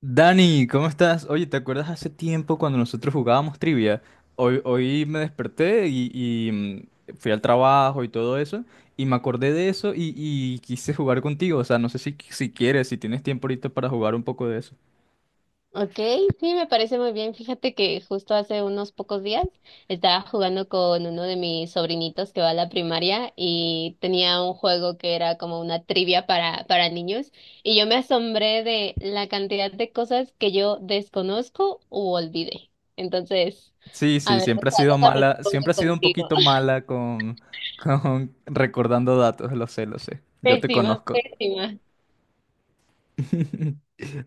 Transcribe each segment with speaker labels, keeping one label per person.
Speaker 1: Dani, ¿cómo estás? Oye, ¿te acuerdas hace tiempo cuando nosotros jugábamos trivia? Hoy me desperté y fui al trabajo y todo eso, y me acordé de eso y quise jugar contigo. O sea, no sé si quieres, si tienes tiempo ahorita para jugar un poco de eso.
Speaker 2: Ok, sí, me parece muy bien. Fíjate que justo hace unos pocos días estaba jugando con uno de mis sobrinitos que va a la primaria y tenía un juego que era como una trivia para niños y yo me asombré de la cantidad de cosas que yo desconozco u olvidé. Entonces,
Speaker 1: Sí,
Speaker 2: a
Speaker 1: sí,
Speaker 2: ver,
Speaker 1: siempre ha sido
Speaker 2: déjame
Speaker 1: mala,
Speaker 2: responder
Speaker 1: siempre ha sido un
Speaker 2: contigo.
Speaker 1: poquito mala con, con recordando datos, lo sé, lo sé. Yo te
Speaker 2: Pésima,
Speaker 1: conozco.
Speaker 2: pésima.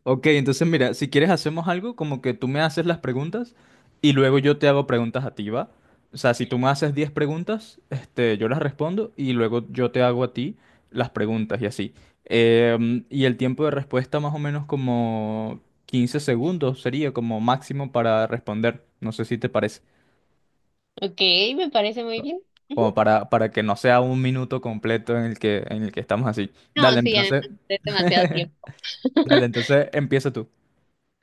Speaker 1: Ok, entonces mira, si quieres hacemos algo como que tú me haces las preguntas y luego yo te hago preguntas a ti, ¿va? O sea, si tú me haces 10 preguntas, yo las respondo y luego yo te hago a ti las preguntas y así. Y el tiempo de respuesta más o menos como 15 segundos sería como máximo para responder. No sé si te parece.
Speaker 2: Ok, me parece muy
Speaker 1: Co-
Speaker 2: bien. Ujú.
Speaker 1: Como para que no sea un minuto completo en el que estamos así.
Speaker 2: No,
Speaker 1: Dale,
Speaker 2: sí, además
Speaker 1: entonces.
Speaker 2: es demasiado tiempo.
Speaker 1: Dale, entonces empieza tú.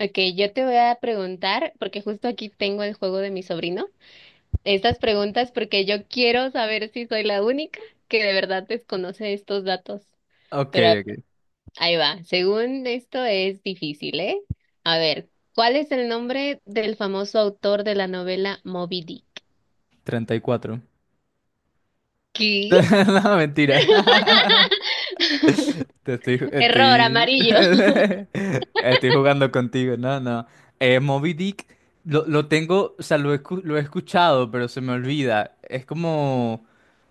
Speaker 2: Ok, yo te voy a preguntar, porque justo aquí tengo el juego de mi sobrino, estas preguntas porque yo quiero saber si soy la única que de verdad desconoce estos datos.
Speaker 1: Ok,
Speaker 2: Pero a ver,
Speaker 1: ok.
Speaker 2: ahí va, según esto es difícil, ¿eh? A ver, ¿cuál es el nombre del famoso autor de la novela Moby Dick?
Speaker 1: Treinta y cuatro.
Speaker 2: ¿Qué?
Speaker 1: No, mentira. Te estoy,
Speaker 2: Error
Speaker 1: estoy,
Speaker 2: amarillo.
Speaker 1: estoy jugando contigo. No, no. Moby Dick lo tengo, o sea, lo he, lo he escuchado, pero se me olvida. Es como,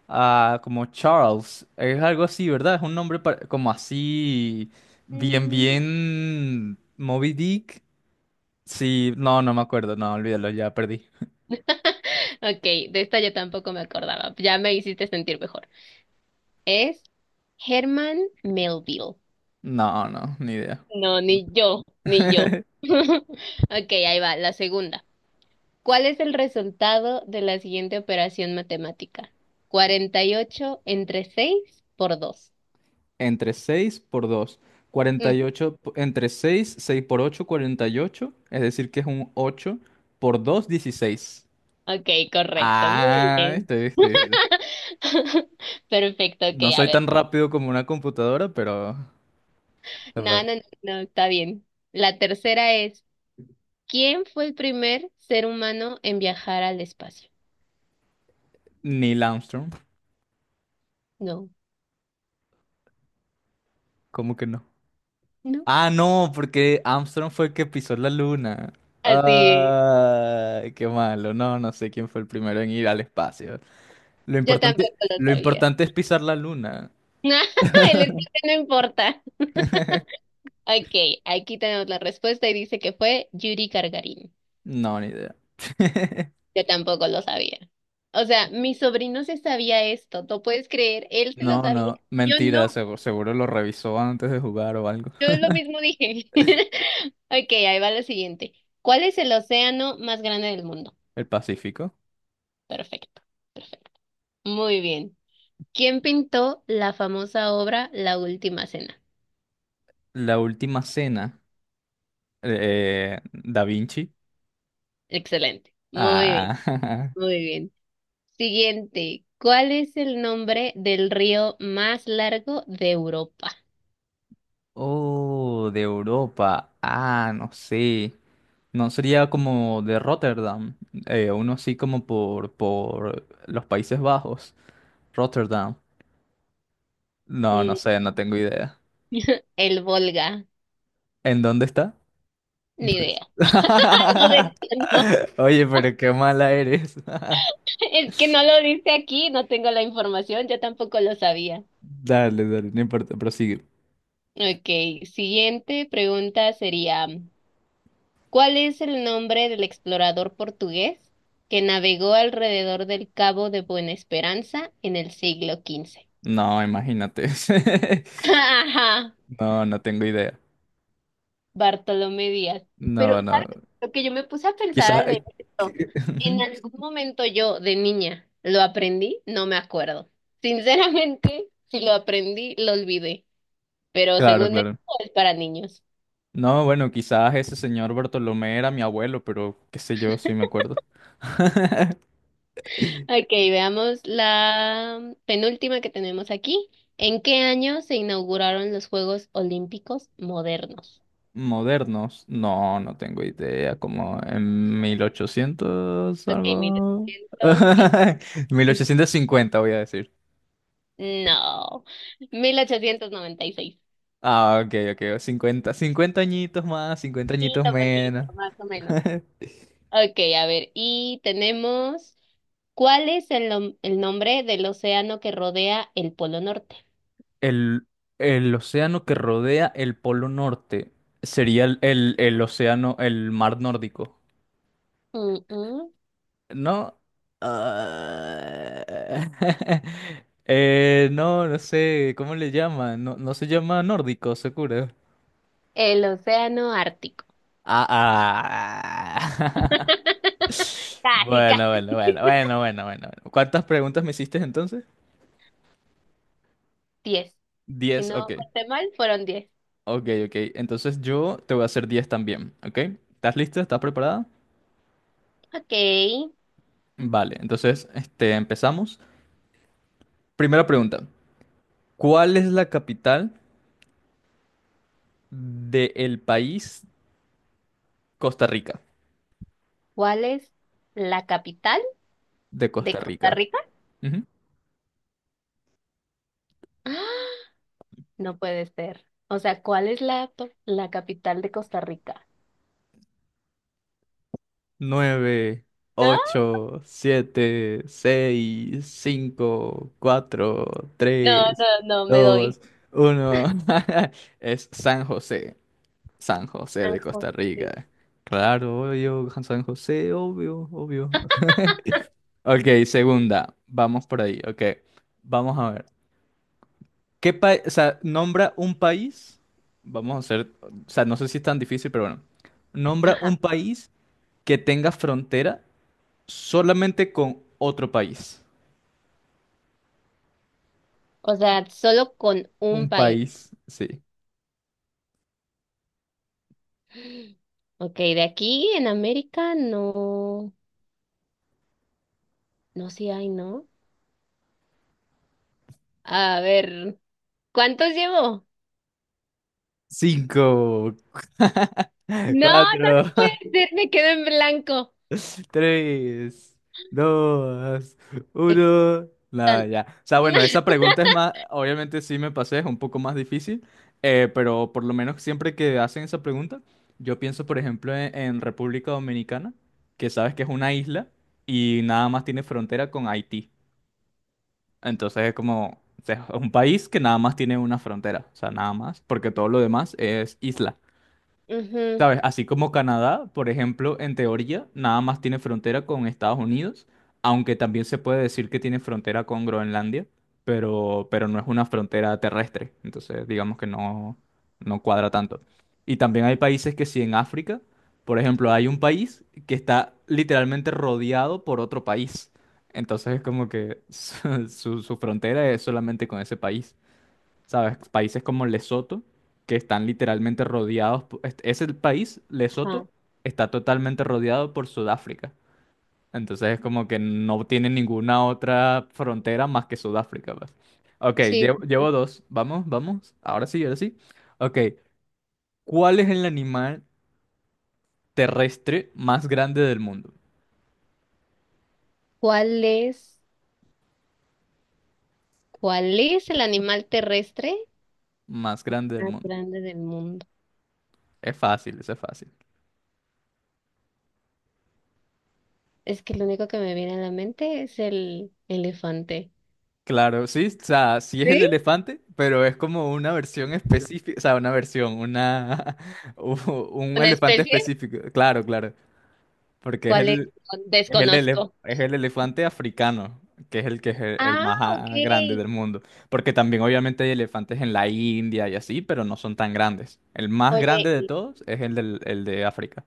Speaker 1: ah, como Charles. Es algo así, ¿verdad? Es un nombre como así, bien,
Speaker 2: Mm,
Speaker 1: bien. Moby Dick. Sí, no, no me acuerdo. No, olvídalo, ya perdí.
Speaker 2: Ok, de esta yo tampoco me acordaba, ya me hiciste sentir mejor. Es Herman Melville.
Speaker 1: No, no, ni idea.
Speaker 2: No, ni yo, ni yo. Ok, ahí va, la segunda. ¿Cuál es el resultado de la siguiente operación matemática? 48 entre 6 por 2.
Speaker 1: Entre 6 por 2.
Speaker 2: Mm,
Speaker 1: 48 entre seis por ocho cuarenta y ocho. Es decir, que es un 8 por 2 dieciséis.
Speaker 2: ok, correcto, muy
Speaker 1: Ah,
Speaker 2: bien.
Speaker 1: este.
Speaker 2: Perfecto, ok,
Speaker 1: No
Speaker 2: a
Speaker 1: soy
Speaker 2: ver.
Speaker 1: tan rápido como una computadora, pero...
Speaker 2: No,
Speaker 1: Vale.
Speaker 2: no, no, no, está bien. La tercera es, ¿quién fue el primer ser humano en viajar al espacio?
Speaker 1: Neil Armstrong.
Speaker 2: No,
Speaker 1: ¿Cómo que no?
Speaker 2: no.
Speaker 1: Ah, no, porque Armstrong fue el que pisó la luna.
Speaker 2: Así,
Speaker 1: Ay, qué malo. No, no sé quién fue el primero en ir al espacio.
Speaker 2: yo tampoco lo
Speaker 1: Lo
Speaker 2: sabía.
Speaker 1: importante es pisar la luna.
Speaker 2: El espacio no importa. Ok, aquí tenemos la respuesta y dice que fue Yuri Gagarin.
Speaker 1: No, ni idea.
Speaker 2: Yo tampoco lo sabía. O sea, mi sobrino se sabía esto, ¿tú puedes creer? Él se lo
Speaker 1: No,
Speaker 2: sabía,
Speaker 1: no,
Speaker 2: yo
Speaker 1: mentira,
Speaker 2: no,
Speaker 1: seguro, lo revisó antes de jugar o algo.
Speaker 2: yo lo mismo dije. Ok, ahí va la siguiente. ¿Cuál es el océano más grande del mundo?
Speaker 1: El Pacífico.
Speaker 2: Perfecto, perfecto. Muy bien. ¿Quién pintó la famosa obra La Última Cena?
Speaker 1: La última cena. Da Vinci.
Speaker 2: Excelente. Muy bien,
Speaker 1: Ah,
Speaker 2: muy bien. Siguiente. ¿Cuál es el nombre del río más largo de Europa?
Speaker 1: oh, de Europa. Ah, no sé. No sería como de Rotterdam. Uno así como por los Países Bajos. Rotterdam. No, no
Speaker 2: Mm,
Speaker 1: sé, no tengo idea.
Speaker 2: El Volga,
Speaker 1: ¿En dónde está? No
Speaker 2: ni
Speaker 1: es-
Speaker 2: idea. No, de- no,
Speaker 1: Oye, pero qué mala eres.
Speaker 2: es que no lo dice aquí, no tengo la información, yo tampoco lo sabía.
Speaker 1: Dale, dale, no importa, prosigue.
Speaker 2: Ok, siguiente pregunta sería, ¿cuál es el nombre del explorador portugués que navegó alrededor del Cabo de Buena Esperanza en el siglo XV?
Speaker 1: No, imagínate. No, no tengo idea.
Speaker 2: Bartolomé Díaz. Pero,
Speaker 1: No, no.
Speaker 2: ¿sabes? Lo que yo me puse a pensar
Speaker 1: Quizás.
Speaker 2: al leer esto, en algún momento yo de niña lo aprendí, no me acuerdo. Sinceramente, si lo aprendí, lo olvidé. Pero
Speaker 1: Claro,
Speaker 2: según esto
Speaker 1: claro.
Speaker 2: es para niños.
Speaker 1: No, bueno, quizás ese señor Bartolomé era mi abuelo, pero qué sé yo, sí me acuerdo.
Speaker 2: Ok, veamos la penúltima que tenemos aquí. ¿En qué año se inauguraron los Juegos Olímpicos modernos?
Speaker 1: Modernos. No, no tengo idea. Como en 1800
Speaker 2: Ok, mil
Speaker 1: algo.
Speaker 2: ochocientos ¿qué?
Speaker 1: 1850 voy a...
Speaker 2: No, 1896.
Speaker 1: Ah, ok, ok. Cincuenta, 50 añitos más, 50 añitos
Speaker 2: Poquito, a
Speaker 1: menos.
Speaker 2: poquito, más o menos. Ok, a ver, y tenemos, ¿cuál es el nombre del océano que rodea el Polo Norte?
Speaker 1: El, el océano que rodea el Polo Norte sería el, el océano, el mar nórdico.
Speaker 2: Mm, mm.
Speaker 1: ¿No? Ah, no, no sé, ¿cómo le llaman? No, no se llama nórdico, seguro.
Speaker 2: El océano Ártico.
Speaker 1: Ah, ah.
Speaker 2: Casi,
Speaker 1: Bueno,
Speaker 2: casi.
Speaker 1: bueno, bueno, bueno, bueno, bueno, bueno. ¿Cuántas preguntas me hiciste entonces?
Speaker 2: Diez. Si
Speaker 1: Diez,
Speaker 2: no
Speaker 1: ok.
Speaker 2: conté mal, fueron diez.
Speaker 1: Ok, ok. Entonces yo te voy a hacer 10 también, ¿ok? ¿Estás lista? ¿Estás preparada?
Speaker 2: Ok.
Speaker 1: Vale, entonces empezamos. Primera pregunta. ¿Cuál es la capital del país Costa Rica?
Speaker 2: ¿Cuál es la capital
Speaker 1: De
Speaker 2: de
Speaker 1: Costa
Speaker 2: Costa
Speaker 1: Rica.
Speaker 2: Rica?
Speaker 1: Ujú.
Speaker 2: ¡Ah! No puede ser. O sea, ¿cuál es la capital de Costa Rica?
Speaker 1: 9,
Speaker 2: ¿No?
Speaker 1: 8, 7, 6, 5, 4,
Speaker 2: No, no,
Speaker 1: 3,
Speaker 2: no, me doy.
Speaker 1: 2, 1. Es San José. San José
Speaker 2: San
Speaker 1: de Costa
Speaker 2: José.
Speaker 1: Rica. Claro, obvio, San José, obvio, obvio. Ok, segunda. Vamos por ahí. Ok, vamos a ver. ¿Qué país? O sea, nombra un país. Vamos a hacer. O sea, no sé si es tan difícil, pero bueno. Nombra
Speaker 2: Ajá.
Speaker 1: un país que tenga frontera solamente con otro país.
Speaker 2: O sea, solo con un
Speaker 1: Un
Speaker 2: país.
Speaker 1: país, sí.
Speaker 2: Ok, de aquí en América no, no, sí hay, ¿no? A ver, ¿cuántos llevo?
Speaker 1: Cinco,
Speaker 2: No, no te
Speaker 1: cuatro,
Speaker 2: puedes decir, me quedo en blanco.
Speaker 1: tres, dos, uno. Nada,
Speaker 2: Están-
Speaker 1: ya. O sea, bueno, esa pregunta es más, obviamente sí me pasé, es un poco más difícil, pero por lo menos siempre que hacen esa pregunta, yo pienso, por ejemplo, en República Dominicana, que sabes que es una isla y nada más tiene frontera con Haití. Entonces es como, o sea, es un país que nada más tiene una frontera, o sea, nada más, porque todo lo demás es isla.
Speaker 2: Ujú,
Speaker 1: ¿Sabes? Así como Canadá, por ejemplo, en teoría, nada más tiene frontera con Estados Unidos, aunque también se puede decir que tiene frontera con Groenlandia, pero no es una frontera terrestre, entonces digamos que no, no cuadra tanto. Y también hay países que sí en África, por ejemplo, hay un país que está literalmente rodeado por otro país, entonces es como que su frontera es solamente con ese país. ¿Sabes? Países como Lesoto, que están literalmente rodeados, ese país,
Speaker 2: ajá,
Speaker 1: Lesoto, está totalmente rodeado por Sudáfrica. Entonces es como que no tiene ninguna otra frontera más que Sudáfrica, pues. Ok,
Speaker 2: sí,
Speaker 1: llevo,
Speaker 2: sí, sí.
Speaker 1: llevo dos. Vamos, vamos. Ahora sí, ahora sí. Ok, ¿cuál es el animal terrestre más grande del mundo?
Speaker 2: ¿Cuál es, cuál es el animal terrestre
Speaker 1: Más grande del
Speaker 2: más
Speaker 1: mundo.
Speaker 2: grande del mundo?
Speaker 1: Es fácil, eso es fácil.
Speaker 2: Es que lo único que me viene a la mente es el elefante.
Speaker 1: Claro, sí, o sea, sí es
Speaker 2: ¿Sí?
Speaker 1: el elefante, pero es como una versión específica, o sea, una versión, una u- un
Speaker 2: ¿Una
Speaker 1: elefante
Speaker 2: especie?
Speaker 1: específico, claro, claro, porque es
Speaker 2: ¿Cuál es?
Speaker 1: el
Speaker 2: Desconozco.
Speaker 1: es el elefante africano, que es el
Speaker 2: Ah,
Speaker 1: más
Speaker 2: ok.
Speaker 1: ah, grande del mundo, porque también obviamente hay elefantes en la India y así, pero no son tan grandes. El más
Speaker 2: Oye,
Speaker 1: grande de todos es el del, el de África.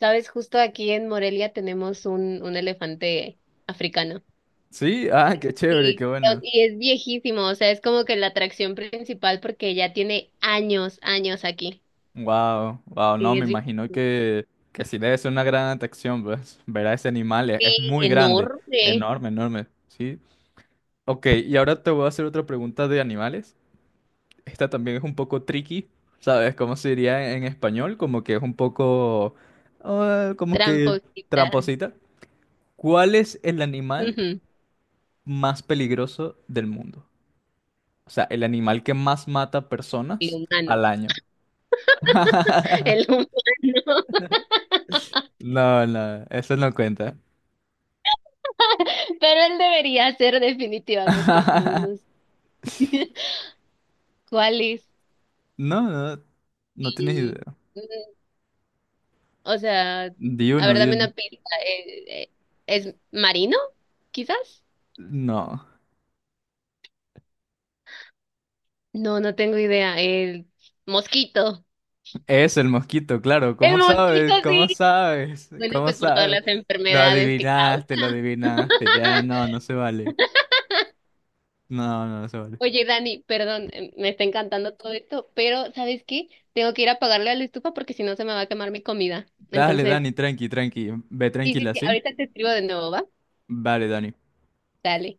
Speaker 2: sabes, justo aquí en Morelia tenemos un elefante africano.
Speaker 1: Sí, ah, qué chévere, qué
Speaker 2: Sí.
Speaker 1: bueno.
Speaker 2: Y es viejísimo, o sea, es como que la atracción principal porque ya tiene años, años aquí.
Speaker 1: Wow, wow, no,
Speaker 2: Sí,
Speaker 1: me
Speaker 2: es
Speaker 1: imagino
Speaker 2: viejísimo.
Speaker 1: que sí debe ser una gran atracción, pues, ver a ese animal, es
Speaker 2: Sí,
Speaker 1: muy grande,
Speaker 2: enorme,
Speaker 1: enorme, enorme, ¿sí? Ok, y ahora te voy a hacer otra pregunta de animales, esta también es un poco tricky, ¿sabes? ¿Cómo se diría en español? Como que es un poco, ah, como que
Speaker 2: tramposita.
Speaker 1: tramposita. ¿Cuál es el animal
Speaker 2: Ujú,
Speaker 1: más peligroso del mundo? O sea, el animal que más mata
Speaker 2: el
Speaker 1: personas
Speaker 2: humano,
Speaker 1: al año.
Speaker 2: el humano.
Speaker 1: No, no, eso no cuenta.
Speaker 2: Pero él debería ser definitivamente. No, no sé. ¿Cuál es?
Speaker 1: No, no, no tienes
Speaker 2: Y,
Speaker 1: idea.
Speaker 2: mm, o sea,
Speaker 1: Di
Speaker 2: a
Speaker 1: uno,
Speaker 2: ver,
Speaker 1: di
Speaker 2: dame
Speaker 1: uno.
Speaker 2: una pista. ¿Es marino, quizás?
Speaker 1: No,
Speaker 2: No, no tengo idea. El mosquito.
Speaker 1: es el mosquito, claro.
Speaker 2: El
Speaker 1: ¿Cómo
Speaker 2: mosquito,
Speaker 1: sabes?
Speaker 2: sí.
Speaker 1: ¿Cómo sabes?
Speaker 2: Bueno,
Speaker 1: ¿Cómo
Speaker 2: pues por todas
Speaker 1: sabes?
Speaker 2: las
Speaker 1: Lo
Speaker 2: enfermedades que
Speaker 1: adivinaste, lo
Speaker 2: causa.
Speaker 1: adivinaste. Ya, no, no se vale. No, no, no se vale.
Speaker 2: Oye, Dani, perdón, me está encantando todo esto, pero ¿sabes qué? Tengo que ir a apagarle a la estufa porque si no se me va a quemar mi comida.
Speaker 1: Dale,
Speaker 2: Entonces,
Speaker 1: Dani, tranqui, tranqui. Ve
Speaker 2: sí, sí,
Speaker 1: tranquila,
Speaker 2: sí,
Speaker 1: ¿sí?
Speaker 2: ahorita te escribo de nuevo, ¿va?
Speaker 1: Vale, Dani.
Speaker 2: Dale.